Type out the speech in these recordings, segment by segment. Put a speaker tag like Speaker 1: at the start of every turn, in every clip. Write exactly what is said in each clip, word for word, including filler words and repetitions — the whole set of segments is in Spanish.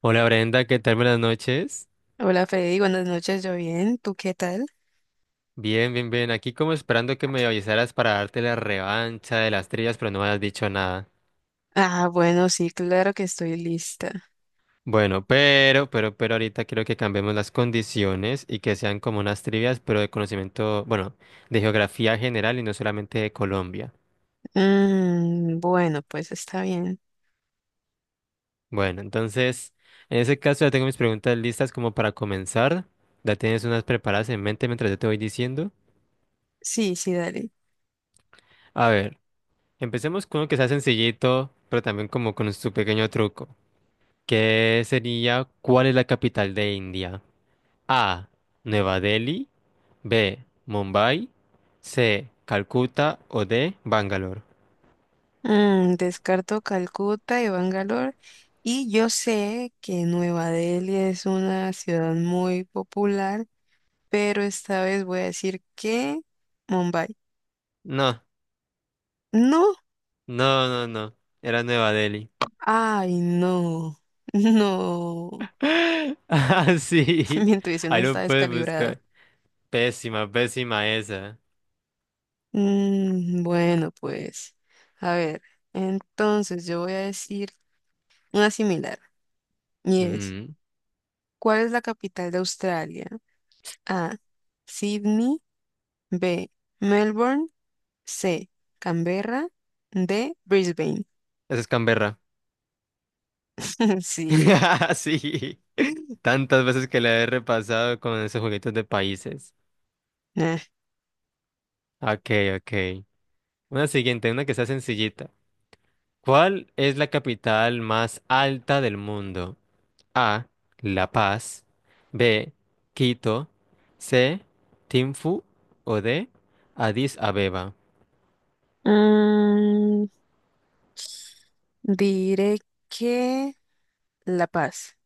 Speaker 1: Hola Brenda, ¿qué tal? Buenas noches.
Speaker 2: Hola Freddy, buenas noches, yo bien, ¿tú qué tal?
Speaker 1: Bien, bien, bien. Aquí como esperando que me avisaras para darte la revancha de las trillas, pero no me has dicho nada.
Speaker 2: Ah, bueno, sí, claro que estoy lista.
Speaker 1: Bueno, pero, pero, pero ahorita quiero que cambiemos las condiciones y que sean como unas trivias, pero de conocimiento, bueno, de geografía general y no solamente de Colombia.
Speaker 2: Mm, bueno, pues está bien.
Speaker 1: Bueno, entonces, en ese caso ya tengo mis preguntas listas como para comenzar. Ya tienes unas preparadas en mente mientras yo te voy diciendo.
Speaker 2: Sí, sí, dale.
Speaker 1: A ver, empecemos con uno que sea sencillito, pero también como con su pequeño truco. ¿Qué sería? ¿Cuál es la capital de India? A. Nueva Delhi. B. Mumbai. C. Calcuta o D. Bangalore.
Speaker 2: Mm, descarto Calcuta y Bangalore. Y yo sé que Nueva Delhi es una ciudad muy popular, pero esta vez voy a decir que Mumbai.
Speaker 1: No,
Speaker 2: No,
Speaker 1: no, no, no. Era Nueva Delhi.
Speaker 2: ay, no, no,
Speaker 1: Ah, sí.
Speaker 2: mi intuición
Speaker 1: Ahí
Speaker 2: está
Speaker 1: lo puedes buscar.
Speaker 2: descalibrada.
Speaker 1: Pésima, pésima esa.
Speaker 2: Mm, bueno, pues, a ver, entonces yo voy a decir una similar, y es,
Speaker 1: Mm.
Speaker 2: ¿cuál es la capital de Australia? A, Sydney, B, Melbourne, C, Canberra, D, Brisbane.
Speaker 1: Esa es Canberra.
Speaker 2: Sí.
Speaker 1: Sí. Tantas veces que la he repasado con esos juguetes de países.
Speaker 2: eh.
Speaker 1: Ok, ok. Una siguiente, una que sea sencillita. ¿Cuál es la capital más alta del mundo? A. La Paz. B. Quito. C. Tinfu. O D. Addis Abeba.
Speaker 2: Mm, Diré que La Paz.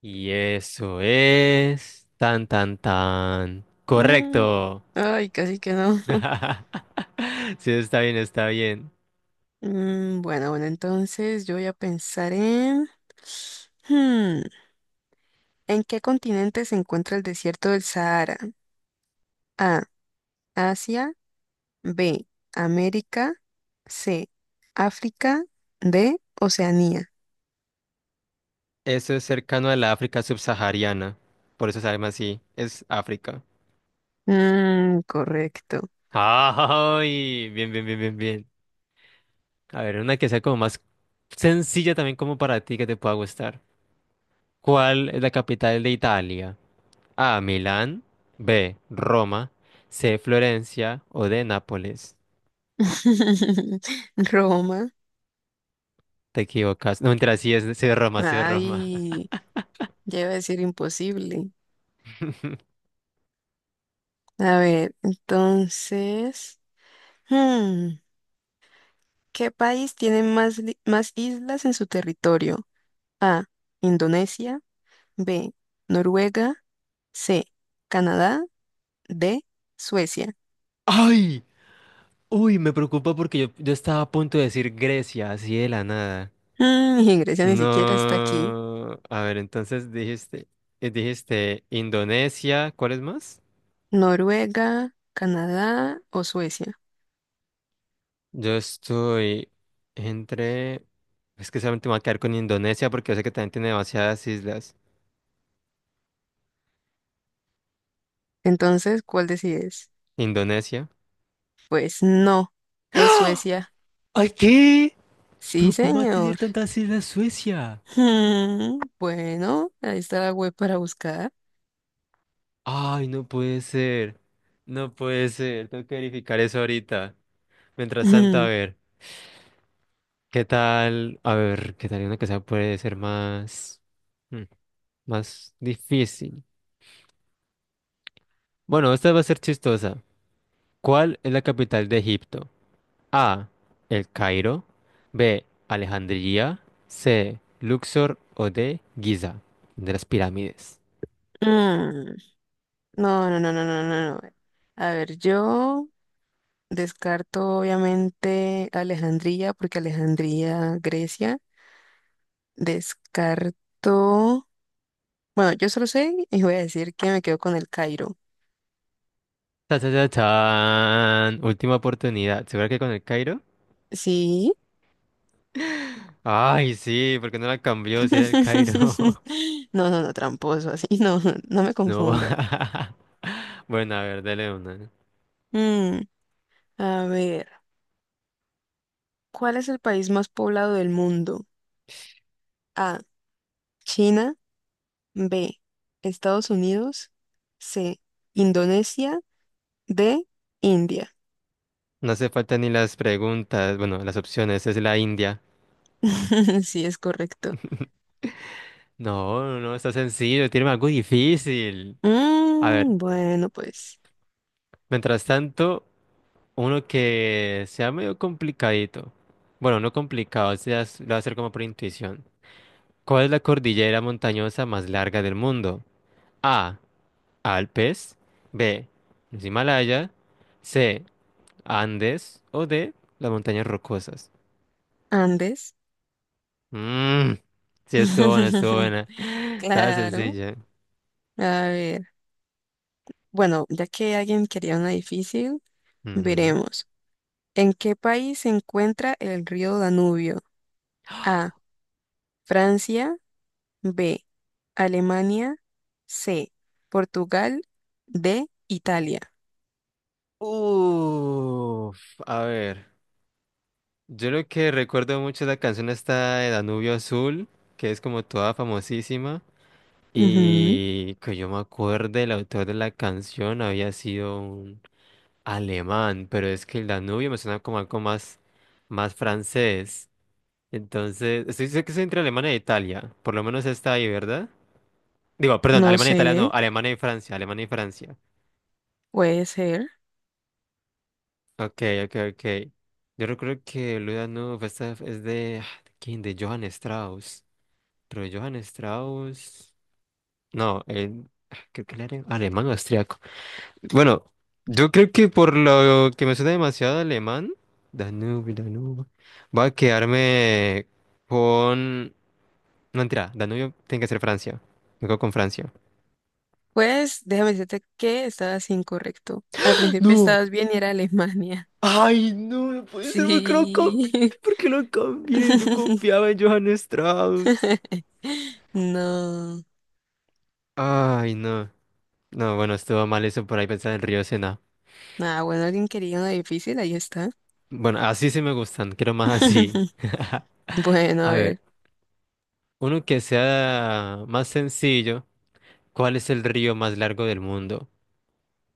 Speaker 1: Y eso es tan tan tan.
Speaker 2: Mm,
Speaker 1: Correcto.
Speaker 2: Ay, casi que no.
Speaker 1: Sí, está bien, está bien.
Speaker 2: Mm, bueno, bueno, entonces yo voy a pensar en... Hmm, ¿en qué continente se encuentra el desierto del Sahara? A. Asia. B. América. C. África. D. Oceanía.
Speaker 1: Eso es cercano a la África subsahariana. Por eso se llama así. Es África.
Speaker 2: Mm, correcto.
Speaker 1: ¡Ay! Bien, bien, bien, bien, bien. A ver, una que sea como más sencilla también como para ti que te pueda gustar. ¿Cuál es la capital de Italia? A, Milán, B, Roma, C, Florencia o D, Nápoles.
Speaker 2: Roma.
Speaker 1: Te equivocas. No, mentira, sí es, sí es Roma, sí es Roma.
Speaker 2: Ay, ya iba a decir imposible. A ver, entonces, hmm, ¿qué país tiene más, li- más islas en su territorio? A. Indonesia. B. Noruega. C. Canadá. De Suecia.
Speaker 1: ¡Ay! Uy, me preocupa porque yo, yo estaba a punto de decir Grecia, así de la nada.
Speaker 2: Mm, y Grecia ni siquiera está aquí.
Speaker 1: No. A ver, entonces dijiste, eh, dijiste Indonesia, ¿cuál es más?
Speaker 2: Noruega, Canadá o Suecia.
Speaker 1: Yo estoy entre... Es que solamente me voy a quedar con Indonesia porque yo sé que también tiene demasiadas islas.
Speaker 2: Entonces, ¿cuál decides?
Speaker 1: Indonesia.
Speaker 2: Pues no, es Suecia.
Speaker 1: ¡Ay, qué!
Speaker 2: Sí,
Speaker 1: ¿Pero cómo va a tener
Speaker 2: señor.
Speaker 1: tantas islas Suecia?
Speaker 2: Mm, bueno, ahí está la web para buscar.
Speaker 1: ¡Ay, no puede ser! No puede ser. Tengo que verificar eso ahorita. Mientras tanto, a
Speaker 2: Mm,
Speaker 1: ver. ¿Qué tal? A ver, ¿qué tal una que sea puede ser más... mm, más difícil? Bueno, esta va a ser chistosa. ¿Cuál es la capital de Egipto? A. El Cairo. B. Alejandría. C. Luxor o D. Giza. De las pirámides.
Speaker 2: mm. No, no, no, no, no, no, no. A ver, yo descarto obviamente Alejandría, porque Alejandría, Grecia. Descarto. Bueno, yo solo sé y voy a decir que me quedo con el Cairo.
Speaker 1: Ta, ta, ta, tan. Última oportunidad. ¿Segura que con el Cairo?
Speaker 2: Sí.
Speaker 1: Ay, sí, ¿por qué no la cambió si era el Cairo?
Speaker 2: No, no, no, tramposo, así. No, no me
Speaker 1: No.
Speaker 2: confunda.
Speaker 1: Bueno, a ver, dele una. No.
Speaker 2: Mm, a ver, ¿cuál es el país más poblado del mundo? A, China, B, Estados Unidos, C, Indonesia, D, India.
Speaker 1: No hace falta ni las preguntas. Bueno, las opciones. Es la India.
Speaker 2: Sí, es correcto.
Speaker 1: No, no, no, está sencillo. Tiene algo difícil. A ver.
Speaker 2: Mm, bueno, pues,
Speaker 1: Mientras tanto, uno que sea medio complicadito. Bueno, no complicado, se as- lo va a hacer como por intuición. ¿Cuál es la cordillera montañosa más larga del mundo? A. Alpes. B. Los Himalaya. C. Andes. O D. Las montañas rocosas.
Speaker 2: Andes.
Speaker 1: Mmm. Sí, estuvo buena, estuvo buena. Estaba
Speaker 2: Claro.
Speaker 1: sencilla.
Speaker 2: A ver. Bueno, ya que alguien quería una difícil,
Speaker 1: Ujú.
Speaker 2: veremos. ¿En qué país se encuentra el río Danubio? A. Francia. B. Alemania. C. Portugal. D. Italia.
Speaker 1: Uf, a ver. Yo lo que recuerdo mucho es la canción esta de Danubio Azul, que es como toda famosísima,
Speaker 2: Ujú.
Speaker 1: y que yo me acuerde, el autor de la canción había sido un alemán, pero es que el Danubio me suena como algo más, más francés. Entonces, estoy seguro que es entre Alemania e Italia, por lo menos está ahí, ¿verdad? Digo, perdón,
Speaker 2: No
Speaker 1: Alemania e
Speaker 2: sé,
Speaker 1: Italia no, Alemania y Francia, Alemania y Francia.
Speaker 2: puede ser.
Speaker 1: Ok, ok, ok. Yo recuerdo que Luda Danubio, esta es de, ah, ¿de quién? De Johann Strauss. Pero Johann Strauss. No, él- ah, creo que él era alemán o austriaco. Bueno, yo creo que por lo que me suena demasiado alemán, Danubio, Danubio, voy a quedarme con. No, mentira, Danubio tiene que ser Francia. Me quedo con Francia.
Speaker 2: Pues déjame decirte que estabas incorrecto. Al principio
Speaker 1: No,
Speaker 2: estabas bien y era Alemania.
Speaker 1: ay, no, no puede ser porque lo
Speaker 2: Sí.
Speaker 1: cambié, porque lo cambié. Yo confiaba en Johann Strauss.
Speaker 2: No.
Speaker 1: Ay, no. No, bueno, estuvo mal eso por ahí pensar en el río Sena.
Speaker 2: Nada, bueno, alguien quería una difícil, ahí está.
Speaker 1: Bueno, así sí me gustan, quiero más así.
Speaker 2: Bueno, a
Speaker 1: A ver,
Speaker 2: ver,
Speaker 1: uno que sea más sencillo, ¿cuál es el río más largo del mundo?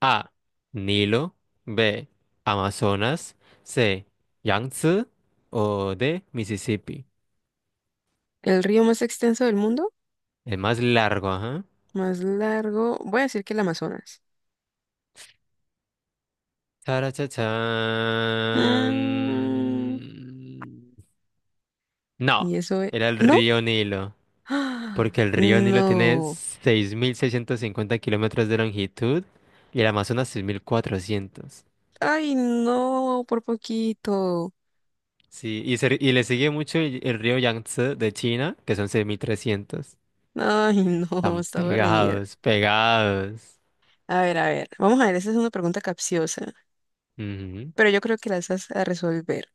Speaker 1: A, Nilo, B, Amazonas, C, Yangtze o D, Mississippi.
Speaker 2: el río más extenso del mundo,
Speaker 1: El más largo, ajá.
Speaker 2: más largo, voy a decir que el Amazonas.
Speaker 1: Tarachachán.
Speaker 2: Mm,
Speaker 1: No,
Speaker 2: y eso es...
Speaker 1: era el
Speaker 2: ¿No?
Speaker 1: río Nilo.
Speaker 2: ¡Ah!
Speaker 1: Porque el río Nilo tiene
Speaker 2: No.
Speaker 1: seis mil seiscientos cincuenta kilómetros de longitud y el Amazonas seis mil cuatrocientos.
Speaker 2: Ay, no, por poquito.
Speaker 1: Sí, y, se- y le sigue mucho el, el río Yangtze de China, que son seis mil trescientos.
Speaker 2: Ay, no,
Speaker 1: Están
Speaker 2: estaba reñida.
Speaker 1: pegados, pegados.
Speaker 2: A ver, a ver, vamos a ver, esa es una pregunta capciosa,
Speaker 1: Ujú.
Speaker 2: pero yo creo que la vas a resolver.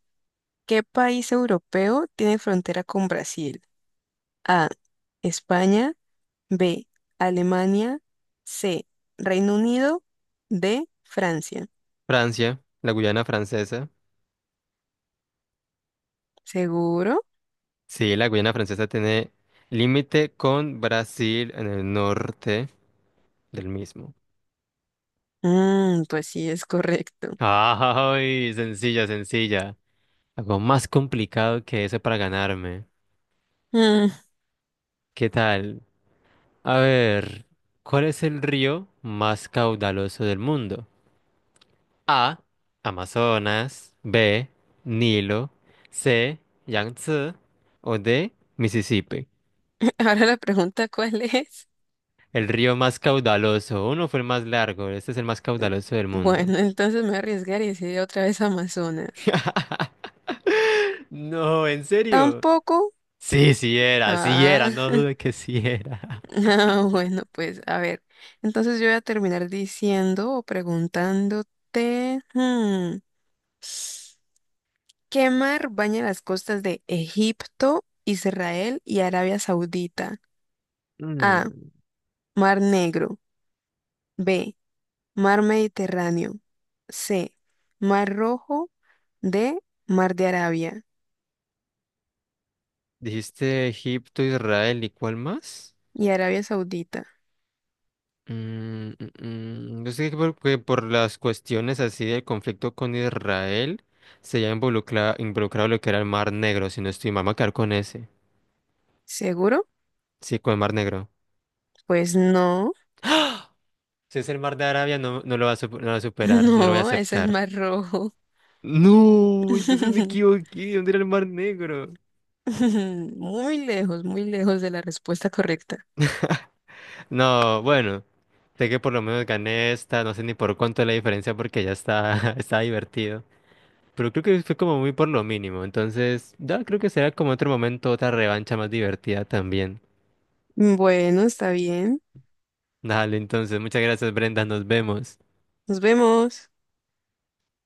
Speaker 2: ¿Qué país europeo tiene frontera con Brasil? A, España, B, Alemania, C, Reino Unido, D, Francia.
Speaker 1: Francia, la Guyana francesa.
Speaker 2: ¿Seguro?
Speaker 1: Sí, la Guyana francesa tiene límite con Brasil en el norte del mismo.
Speaker 2: Mm, pues sí, es correcto.
Speaker 1: ¡Ay! Sencilla, sencilla. Algo más complicado que eso para ganarme.
Speaker 2: Mm,
Speaker 1: ¿Qué tal? A ver, ¿cuál es el río más caudaloso del mundo? A. Amazonas. B. Nilo. C. Yangtze. O D. Mississippi.
Speaker 2: Ahora la pregunta, ¿cuál es?
Speaker 1: El río más caudaloso. Uno fue el más largo. Este es el más caudaloso del mundo.
Speaker 2: Bueno, entonces me voy a arriesgar y decir otra vez Amazonas.
Speaker 1: No, ¿en serio?
Speaker 2: ¿Tampoco?
Speaker 1: Sí, sí era, sí era.
Speaker 2: Ah,
Speaker 1: No dude que sí era.
Speaker 2: ah, bueno, pues a ver. Entonces yo voy a terminar diciendo o preguntándote, hmm, ¿qué mar baña las costas de Egipto, Israel y Arabia Saudita? A.
Speaker 1: Mm.
Speaker 2: Mar Negro. B. Mar Mediterráneo. C. Mar Rojo. D. Mar de Arabia.
Speaker 1: Dijiste Egipto, Israel y ¿cuál más?
Speaker 2: Y Arabia Saudita.
Speaker 1: Mm, mm, mm, Yo sé que por, que por las cuestiones así del conflicto con Israel se ya involucra, involucrado lo que era el Mar Negro, si no estoy mal, me voy a quedar con ese.
Speaker 2: ¿Seguro?
Speaker 1: Sí, con el Mar Negro.
Speaker 2: Pues no.
Speaker 1: Si es el Mar de Arabia, no, no lo va a, sup- no lo va a superar, no lo voy a
Speaker 2: No, ese es
Speaker 1: aceptar.
Speaker 2: Mar Rojo.
Speaker 1: No, entonces me equivoqué, ¿dónde era el Mar Negro?
Speaker 2: Muy lejos, muy lejos de la respuesta correcta.
Speaker 1: No, bueno, sé que por lo menos gané esta, no sé ni por cuánto es la diferencia porque ya está, está divertido. Pero creo que fue como muy por lo mínimo. Entonces, ya creo que será como otro momento, otra revancha más divertida también.
Speaker 2: Bueno, está bien.
Speaker 1: Dale, entonces, muchas gracias, Brenda. Nos vemos.
Speaker 2: Nos vemos.